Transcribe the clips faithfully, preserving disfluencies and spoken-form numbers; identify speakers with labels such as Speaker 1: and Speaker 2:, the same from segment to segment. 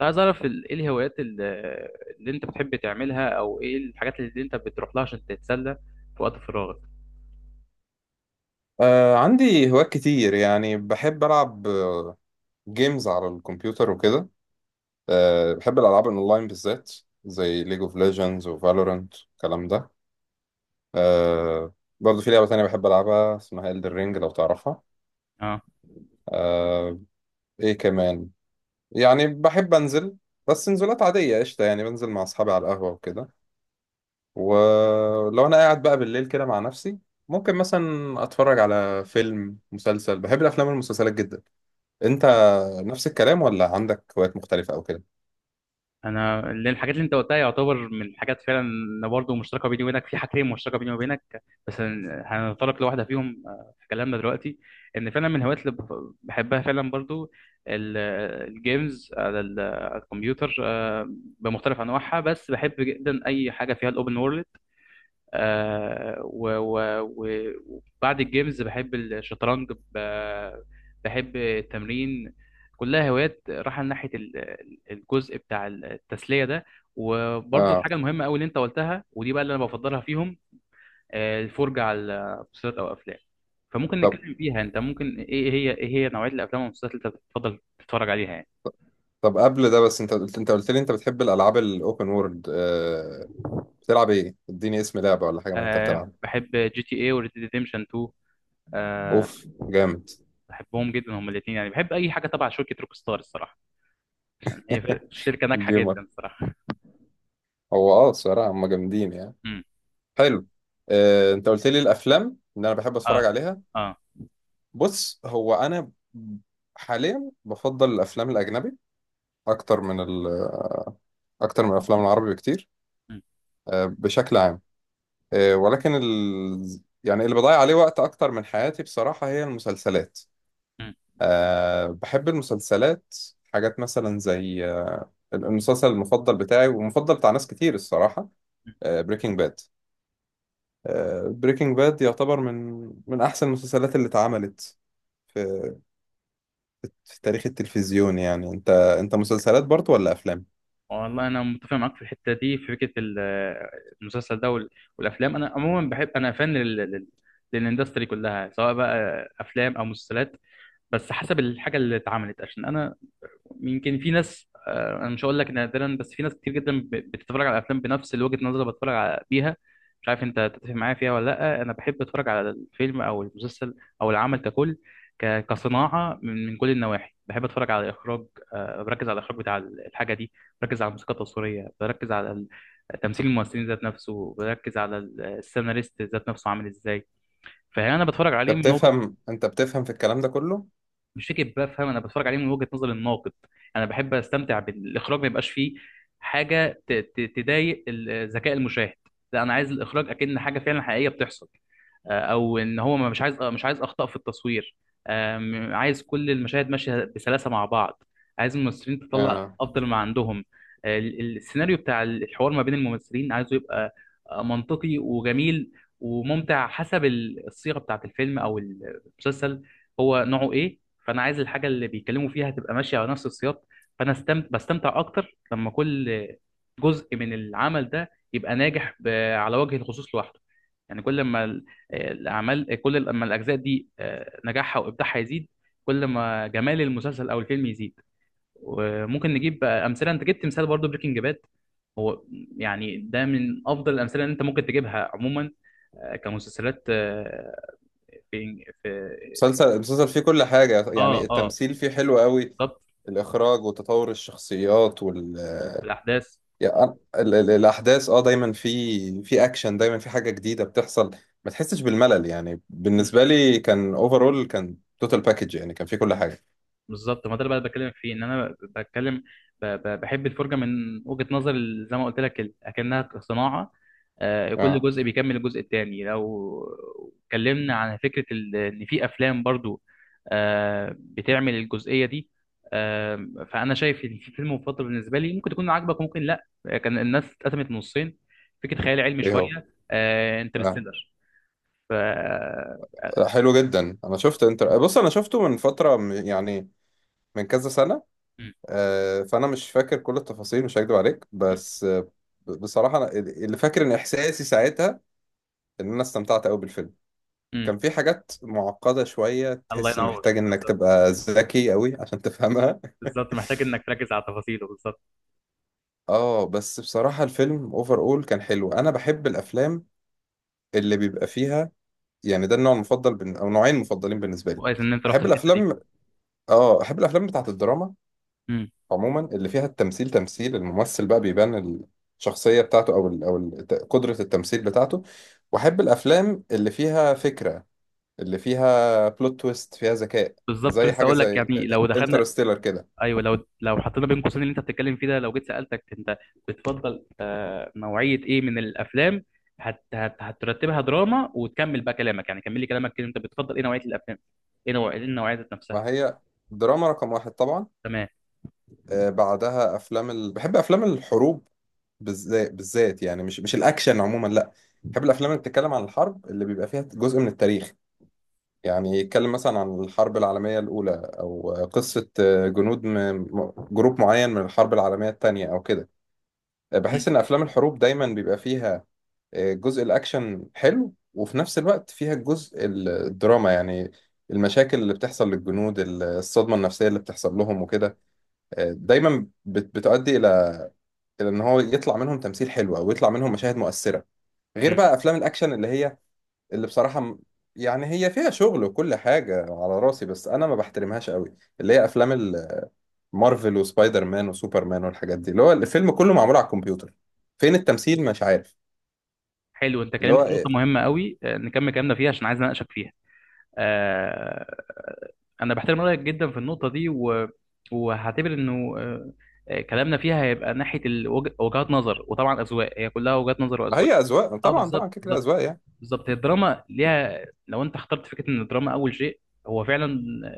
Speaker 1: عايز اعرف ال- ايه الهوايات ال- اللي انت بتحب تعملها او ايه الحاجات اللي انت بتروح لها عشان تتسلى في وقت فراغك.
Speaker 2: آه عندي هوايات كتير يعني بحب ألعب آه، جيمز على الكمبيوتر وكده. آه بحب الألعاب الأونلاين بالذات، زي ليج اوف ليجندز وفالورانت الكلام ده. آه برضه في لعبة تانية بحب ألعبها اسمها إلدر رينج، لو تعرفها.
Speaker 1: اه.
Speaker 2: آه، إيه كمان؟ يعني بحب أنزل، بس نزولات عادية قشطة، يعني بنزل مع أصحابي على القهوة وكده. ولو أنا قاعد بقى بالليل كده مع نفسي، ممكن مثلا أتفرج على فيلم مسلسل، بحب الأفلام والمسلسلات جدا. انت؟
Speaker 1: مم.
Speaker 2: طب نفس الكلام ولا عندك هوايات مختلفة أو كده؟
Speaker 1: انا، اللي الحاجات اللي انت قلتها يعتبر من الحاجات فعلا، إن برضه مشتركه بيني وبينك في حاجتين مشتركه بيني وبينك، بس هن- هنتطرق لواحده فيهم آه، في كلامنا دلوقتي. ان فعلا من الهوايات اللي بف- بحبها فعلا برضه، ال- الجيمز على ال- على الكمبيوتر، آه، بمختلف انواعها، بس بحب جدا اي حاجه فيها الاوبن وورلد. آه، و- و- و- وبعد الجيمز بحب الشطرنج، ب- بحب التمرين. كلها هوايات رايحة ناحية ال- ال- الجزء بتاع التسلية ده. وبرضه
Speaker 2: آه.
Speaker 1: الحاجة المهمة أوي اللي أنت قلتها، ودي بقى اللي أنا بفضلها فيهم، آه، الفرجة على مسلسلات أو أفلام. فممكن
Speaker 2: طب
Speaker 1: نتكلم فيها. أنت ممكن إيه إيه هي إيه هي نوعية الأفلام والمسلسلات اللي أنت بتفضل تتفرج عليها يعني؟
Speaker 2: طب قبل ده بس، أنت قلت أنت قلت لي أنت بتحب الألعاب الأوبن وورلد، آه بتلعب إيه؟ إديني اسم لعبة ولا حاجة من اللي أنت
Speaker 1: أه،
Speaker 2: بتلعب.
Speaker 1: بحب جي تي إيه وريد ديمشن تو. أه،
Speaker 2: أوف جامد.
Speaker 1: بحبهم جدا هما الاتنين، يعني بحب أي حاجة تبع شركة روك ستار الصراحة. هي فر- شركة ناجحة
Speaker 2: جيمر.
Speaker 1: جدا الصراحة.
Speaker 2: هو أه الصراحة هما جامدين يعني.
Speaker 1: امم.
Speaker 2: حلو. آه، أنت قلت لي الأفلام اللي أنا بحب أتفرج
Speaker 1: اه
Speaker 2: عليها.
Speaker 1: اه.
Speaker 2: بص، هو أنا حاليا بفضل الأفلام الأجنبي أكتر من ال أكتر من الأفلام العربي بكتير.
Speaker 1: مم.
Speaker 2: آه بشكل عام. آه، ولكن ال... يعني اللي بضيع عليه وقت اكتر من حياتي بصراحة هي المسلسلات.
Speaker 1: مم.
Speaker 2: أه بحب المسلسلات. حاجات مثلا زي آه، المسلسل المفضل بتاعي والمفضل بتاع ناس كتير الصراحة،
Speaker 1: مم.
Speaker 2: بريكنج باد. بريكنج باد يعتبر من من احسن المسلسلات اللي اتعملت في في تاريخ التلفزيون يعني. انت انت مسلسلات برضو ولا افلام؟
Speaker 1: والله انا متفق معاك في الحتة دي، في فكرة ال- المسلسل ده وال- والافلام. انا عموما بحب، انا فان لل... لل- للاندستري كلها، سواء بقى افلام او مسلسلات، بس حسب الحاجة اللي اتعملت. عشان انا يمكن في ناس، آه، انا مش هقول لك نادرا، بس في ناس كتير جدا ب- بتتفرج على الافلام بنفس وجهة النظر اللي بتفرج على- بيها. مش عارف انت تتفق معايا فيها ولا لا. انا بحب اتفرج على الفيلم او المسلسل او العمل ككل، ك- كصناعة، من من كل النواحي. بحب اتفرج على الاخراج، آه، بركز على الاخراج بتاع ال- الحاجة دي، بركز على الموسيقى التصويرية، بركز على ال- تمثيل الممثلين ذات نفسه، بركز على ال- السيناريست ذات نفسه عامل ازاي. فانا بتفرج عليه
Speaker 2: انت
Speaker 1: من نقطة.
Speaker 2: بتفهم انت بتفهم في الكلام ده كله؟
Speaker 1: مش فكره بفهم، انا بتفرج عليه من وجهه نظر الناقد. انا بحب استمتع بالاخراج، ما يبقاش فيه حاجه ت- ت- تضايق ال- ذكاء المشاهد. لا، انا عايز الاخراج اكن حاجه فعلا حقيقيه بتحصل، آه، او ان هو ما- مش عايز آه، مش عايز اخطاء في التصوير. آم، عايز كل المشاهد ماشيه بسلاسه مع بعض، عايز الممثلين تطلع
Speaker 2: آه.
Speaker 1: افضل ما عندهم. آه، ال- ال- السيناريو بتاع الحوار ما بين الممثلين عايزه يبقى آه، منطقي وجميل وممتع، حسب ال- الصيغه بتاعت الفيلم او المسلسل هو نوعه ايه. فانا عايز الحاجه اللي بيتكلموا فيها تبقى ماشيه على نفس السياق. فانا استمتع بستمتع اكتر لما كل جزء من العمل ده يبقى ناجح ب... على وجه الخصوص لوحده. يعني كل ما ال- الاعمال كل لما الاجزاء دي آه، نجاحها وابداعها يزيد، كل ما جمال المسلسل او الفيلم يزيد. وممكن نجيب بقى امثله. انت جبت مثال برضو، بريكنج باد. هو يعني ده من افضل الامثله اللي انت ممكن تجيبها عموما، آه، كمسلسلات، آه، في في
Speaker 2: مسلسل، المسلسل فيه كل حاجة يعني،
Speaker 1: اه اه،
Speaker 2: التمثيل فيه حلو قوي،
Speaker 1: بالظبط.
Speaker 2: الإخراج وتطور الشخصيات وال...
Speaker 1: بالاحداث.
Speaker 2: يعني ال... ال... الأحداث، اه، دايما في في أكشن، دايما في حاجة جديدة بتحصل، ما تحسش بالملل يعني،
Speaker 1: مم.
Speaker 2: بالنسبة لي كان اوفرول، كان توتال باكج يعني، كان فيه كل حاجة.
Speaker 1: بالظبط، ما ده اللي بقى بكلمك فيه. ان انا بتكلم، ب- ب- بحب الفرجه من وجهه نظر ال- زي ما قلت لك، ال- اكنها صناعه. آه، كل
Speaker 2: اه،
Speaker 1: جزء بيكمل الجزء التاني. لو اتكلمنا عن فكره ال- ان في افلام برضو آه، بتعمل الجزئيه دي، آه، فانا شايف ان في فيلم مفضل بالنسبه لي ممكن تكون عاجبك وممكن لا. كان الناس اتقسمت نصين، فكره خيال علمي
Speaker 2: ايه هو؟
Speaker 1: شويه، آه،
Speaker 2: آه.
Speaker 1: انترستيلر. ف
Speaker 2: حلو جدا. انا شفت انت بص، انا شفته من فترة، م- يعني من كذا سنة. آه، فانا مش فاكر كل التفاصيل، مش هكدب عليك، بس آه، ب- بصراحة أنا اللي فاكر ان احساسي ساعتها ان انا استمتعت قوي بالفيلم.
Speaker 1: مم.
Speaker 2: كان في حاجات معقدة شوية،
Speaker 1: الله
Speaker 2: تحس
Speaker 1: ينور،
Speaker 2: محتاج انك
Speaker 1: بالظبط.
Speaker 2: تبقى ذكي قوي عشان تفهمها.
Speaker 1: بالظبط، محتاج انك تركز على تفاصيله بالظبط.
Speaker 2: اه، بس بصراحة الفيلم اوفر اول كان حلو. انا بحب الافلام اللي بيبقى فيها يعني، ده النوع المفضل بن... او نوعين مفضلين بالنسبة لي.
Speaker 1: كويس ان انت رحت
Speaker 2: احب
Speaker 1: الحته دي.
Speaker 2: الافلام، اه احب الافلام بتاعت الدراما
Speaker 1: امم.
Speaker 2: عموما، اللي فيها التمثيل، تمثيل الممثل بقى بيبان الشخصية بتاعته، او ال... او ال- قدرة التمثيل بتاعته. واحب الافلام اللي فيها فكرة، اللي فيها بلوت تويست، فيها ذكاء،
Speaker 1: بالظبط،
Speaker 2: زي
Speaker 1: لسه
Speaker 2: حاجة
Speaker 1: اقول لك
Speaker 2: زي
Speaker 1: يعني لو دخلنا.
Speaker 2: انترستيلر كده.
Speaker 1: ايوه، لو لو حطينا بين قوسين اللي انت بتتكلم فيه ده، لو جيت سالتك انت بتفضل آه نوعيه ايه من الافلام، هت... هت... هترتبها دراما، وتكمل بقى كلامك يعني. كمل لي كلامك كده، انت بتفضل ايه نوعيه الافلام، ايه نوع ايه النوعيه ذات نفسها؟
Speaker 2: ما هي دراما رقم واحد طبعا.
Speaker 1: تمام.
Speaker 2: آه، بعدها أفلام ال... بحب أفلام الحروب، بالذات بالذات يعني، مش مش الأكشن عموما لا. بحب الأفلام اللي بتتكلم عن الحرب، اللي بيبقى فيها جزء من التاريخ، يعني يتكلم مثلا عن الحرب العالمية الأولى، أو قصة آه، جنود، م... م- جروب معين من الحرب العالمية التانية أو كده. آه،
Speaker 1: امم.
Speaker 2: بحس إن أفلام الحروب دايما بيبقى فيها آه، جزء الأكشن حلو، وفي نفس الوقت فيها الجزء ال- الدراما، يعني المشاكل اللي بتحصل للجنود، ال- الصدمة النفسية اللي بتحصل لهم وكده. آه، دايما بت- بتؤدي إلى إلى إن هو يطلع منهم تمثيل حلو، أو يطلع منهم مشاهد مؤثرة. غير
Speaker 1: امم.
Speaker 2: بقى أفلام الأكشن اللي هي اللي بصراحة م- يعني هي فيها شغل وكل حاجة على راسي، بس أنا ما بحترمهاش قوي، اللي هي أفلام ال- مارفل وسبايدر مان وسوبر مان والحاجات دي، اللي هو الفيلم كله معمول على الكمبيوتر. فين التمثيل؟ مش عارف.
Speaker 1: حلو، انت
Speaker 2: اللي
Speaker 1: كلمت في
Speaker 2: هو،
Speaker 1: نقطه مهمه قوي. آه، نكمل كلامنا فيها عشان عايز اناقشك فيها. آه، انا بحترم رايك جدا في النقطه دي و... وهعتبر انه، آه، آه، كلامنا فيها هيبقى ناحيه الوج- وجهات نظر، وطبعا اذواق، هي كلها وجهات نظر
Speaker 2: ما
Speaker 1: واذواق.
Speaker 2: هي اذواق
Speaker 1: اه،
Speaker 2: طبعا، طبعا
Speaker 1: بالظبط،
Speaker 2: كده كده
Speaker 1: بالظبط،
Speaker 2: اذواق يعني.
Speaker 1: بالظبط. هي الدراما ليها، لو انت اخترت فكره ان الدراما اول شيء، هو فعلا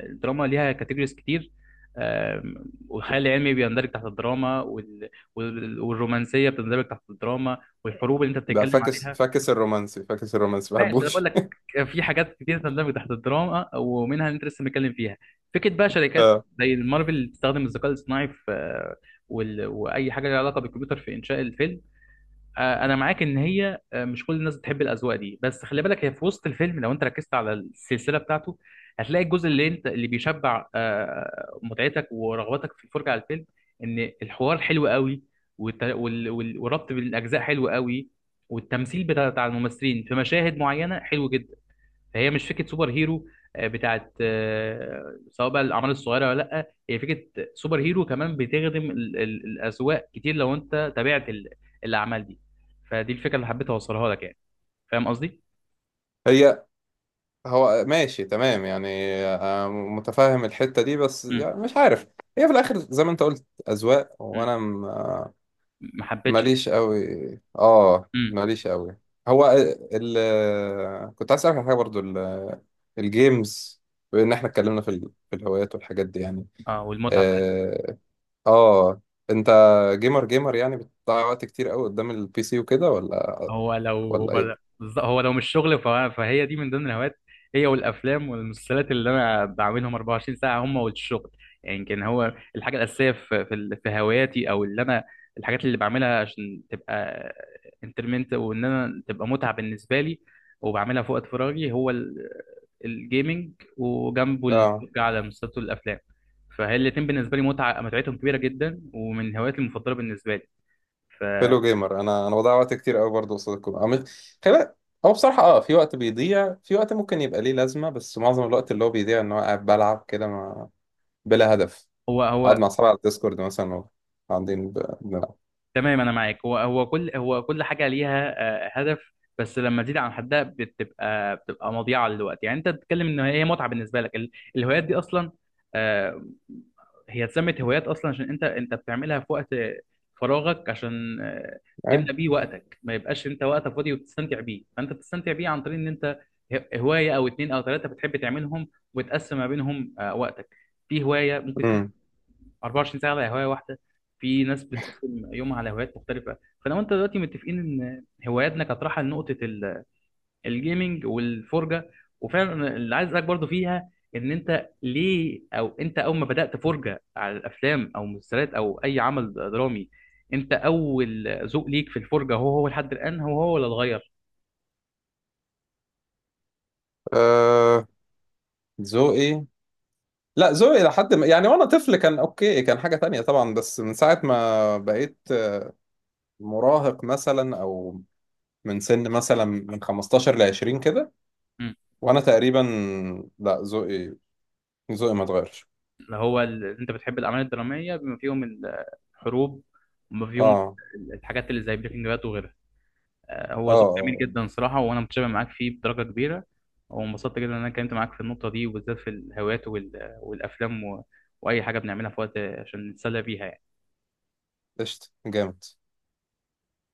Speaker 1: الدراما ليها كاتيجوريز كتير. آم، والخيال العلمي بيندرج تحت الدراما، وال... وال- والرومانسيه بتندرج تحت الدراما، والحروب اللي انت
Speaker 2: ده
Speaker 1: بتتكلم
Speaker 2: فاكس
Speaker 1: عليها.
Speaker 2: فاكس الرومانسي، فاكس الرومانسي ما
Speaker 1: ماشي، انا بقول
Speaker 2: بحبوش.
Speaker 1: لك في حاجات كتير تندمج تحت الدراما ومنها اللي انت لسه متكلم فيها. فكره بقى شركات
Speaker 2: آه،
Speaker 1: زي مارفل تستخدم الذكاء الاصطناعي في، آه، وال... واي حاجه لها علاقه بالكمبيوتر في انشاء الفيلم. آه، انا معاك ان هي، آه، مش كل الناس بتحب الاذواق دي، بس خلي بالك هي في وسط الفيلم. لو انت ركزت على السلسله بتاعته هتلاقي الجزء اللي انت اللي بيشبع آه، متعتك ورغبتك في الفرجه على الفيلم، ان الحوار حلو قوي، والت- وال- وال- والربط بين الاجزاء حلو قوي، والتمثيل بتاع بتاع الممثلين في مشاهد معينه حلو جدا. فهي مش فكره سوبر هيرو، آه، بتاعت، آه، سواء بقى الاعمال الصغيره ولا لا، هي فكره سوبر هيرو كمان بتخدم ال- ال- الاذواق كتير لو انت تابعت ال- الاعمال دي. فدي الفكره اللي حبيت اوصلها لك يعني. فاهم قصدي؟
Speaker 2: هي هو ماشي تمام يعني، آه، متفاهم الحتة دي بس
Speaker 1: مم.
Speaker 2: يعني مش عارف. هي في الاخر زي ما انت قلت اذواق،
Speaker 1: مم.
Speaker 2: وانا م- آه،
Speaker 1: ما حبيتش.
Speaker 2: ماليش قوي، اه
Speaker 1: مم.
Speaker 2: ماليش قوي. هو ال ال- كنت عايز اسالك على حاجه برضو، ال- الجيمز. بما ان احنا اتكلمنا في ال- في الهوايات والحاجات دي يعني.
Speaker 1: اه، والمتعه.
Speaker 2: آه، اه، انت جيمر جيمر يعني، بتضيع وقت كتير قوي قدام البي سي وكده، ولا
Speaker 1: هو لو هو
Speaker 2: ولا ايه؟
Speaker 1: بالظ- هو لو مش شغل فه- فهي دي من ضمن الهوايات، هي والافلام والمسلسلات اللي انا بعملهم اربع وعشرين ساعه، هم والشغل. يعني يمكن هو الحاجه الاساسيه في في ال- في هواياتي، او اللي انا، الحاجات اللي بعملها عشان تبقى انترمنت وان انا تبقى متعه بالنسبه لي وبعملها في وقت فراغي، هو ال- الجيمنج وجنبه
Speaker 2: اه،
Speaker 1: الفرجه على مسلسلات والافلام. فهي الاتنين بالنسبه لي، متعه متعتهم كبيره جدا ومن هواياتي المفضله بالنسبه لي.
Speaker 2: فيلو جيمر. انا انا بضيع وقت كتير قوي برضه قصاد الكمبيوتر، عامل، خلي بالك. هو بصراحه اه، في وقت بيضيع، في وقت ممكن يبقى ليه لازمه، بس معظم الوقت اللي هو بيضيع ان هو قاعد بلعب كده، ما... بلا هدف،
Speaker 1: ف
Speaker 2: قاعد مع اصحابي على الديسكورد مثلا و- قاعدين ب... بنلعب.
Speaker 1: تمام، انا معاك. هو هو كل هو كل حاجه ليها آه، هدف، بس لما تزيد عن حدها بتبقى بتبقى مضيعه للوقت. يعني انت بتتكلم ان هي متعه بالنسبه لك، ال- الهوايات دي اصلا، آه، هي اتسمت هوايات اصلا عشان انت انت بتعملها في وقت فراغك عشان آه، تملى
Speaker 2: ايه.
Speaker 1: بيه وقتك، ما يبقاش انت وقتك فاضي وبتستمتع بيه. فانت بتستمتع بيه عن طريق ان انت ه- هوايه او اتنين او تلاته بتحب تعملهم وتقسم ما بينهم آه، وقتك. في هوايه ممكن
Speaker 2: امم.
Speaker 1: اربع وعشرين ساعه على هوايه واحده، في ناس بتقسم يومها على هوايات مختلفه. فلو انت دلوقتي متفقين ان هواياتنا كانت رايحه لنقطه ال- الجيمنج والفرجه، وفعلا أنا اللي عايز اسالك برضه فيها ان انت ليه، او انت اول ما بدات فرجه على الافلام او مسلسلات او اي عمل درامي، انت اول ذوق ليك في الفرجه هو هو لحد الان، هو هو ولا اتغير؟
Speaker 2: آه... ذوقي، لا، ذوقي لحد ما، يعني وانا طفل كان اوكي، كان حاجه تانية طبعا، بس من ساعه ما بقيت مراهق مثلا او من سن مثلا من خمستاشر ل عشرين كده،
Speaker 1: مم.
Speaker 2: وانا تقريبا، لا ذوقي، ذوقي ما اتغيرش.
Speaker 1: اللي هو، ال- انت بتحب الاعمال الدراميه بما فيهم الحروب، وما فيهم
Speaker 2: اه
Speaker 1: الحاجات اللي زي بريكنج باد وغيرها. آه،
Speaker 2: اه
Speaker 1: هو ذوق جميل
Speaker 2: اه،
Speaker 1: جدا صراحة، وأنا متشابه معاك فيه بدرجة كبيرة. وانبسطت جدا إن أنا اتكلمت معاك في النقطة دي، وبالذات في الهوايات وال- والأفلام و- وأي حاجة بنعملها في وقت عشان نتسلى بيها يعني.
Speaker 2: قشطة جامد.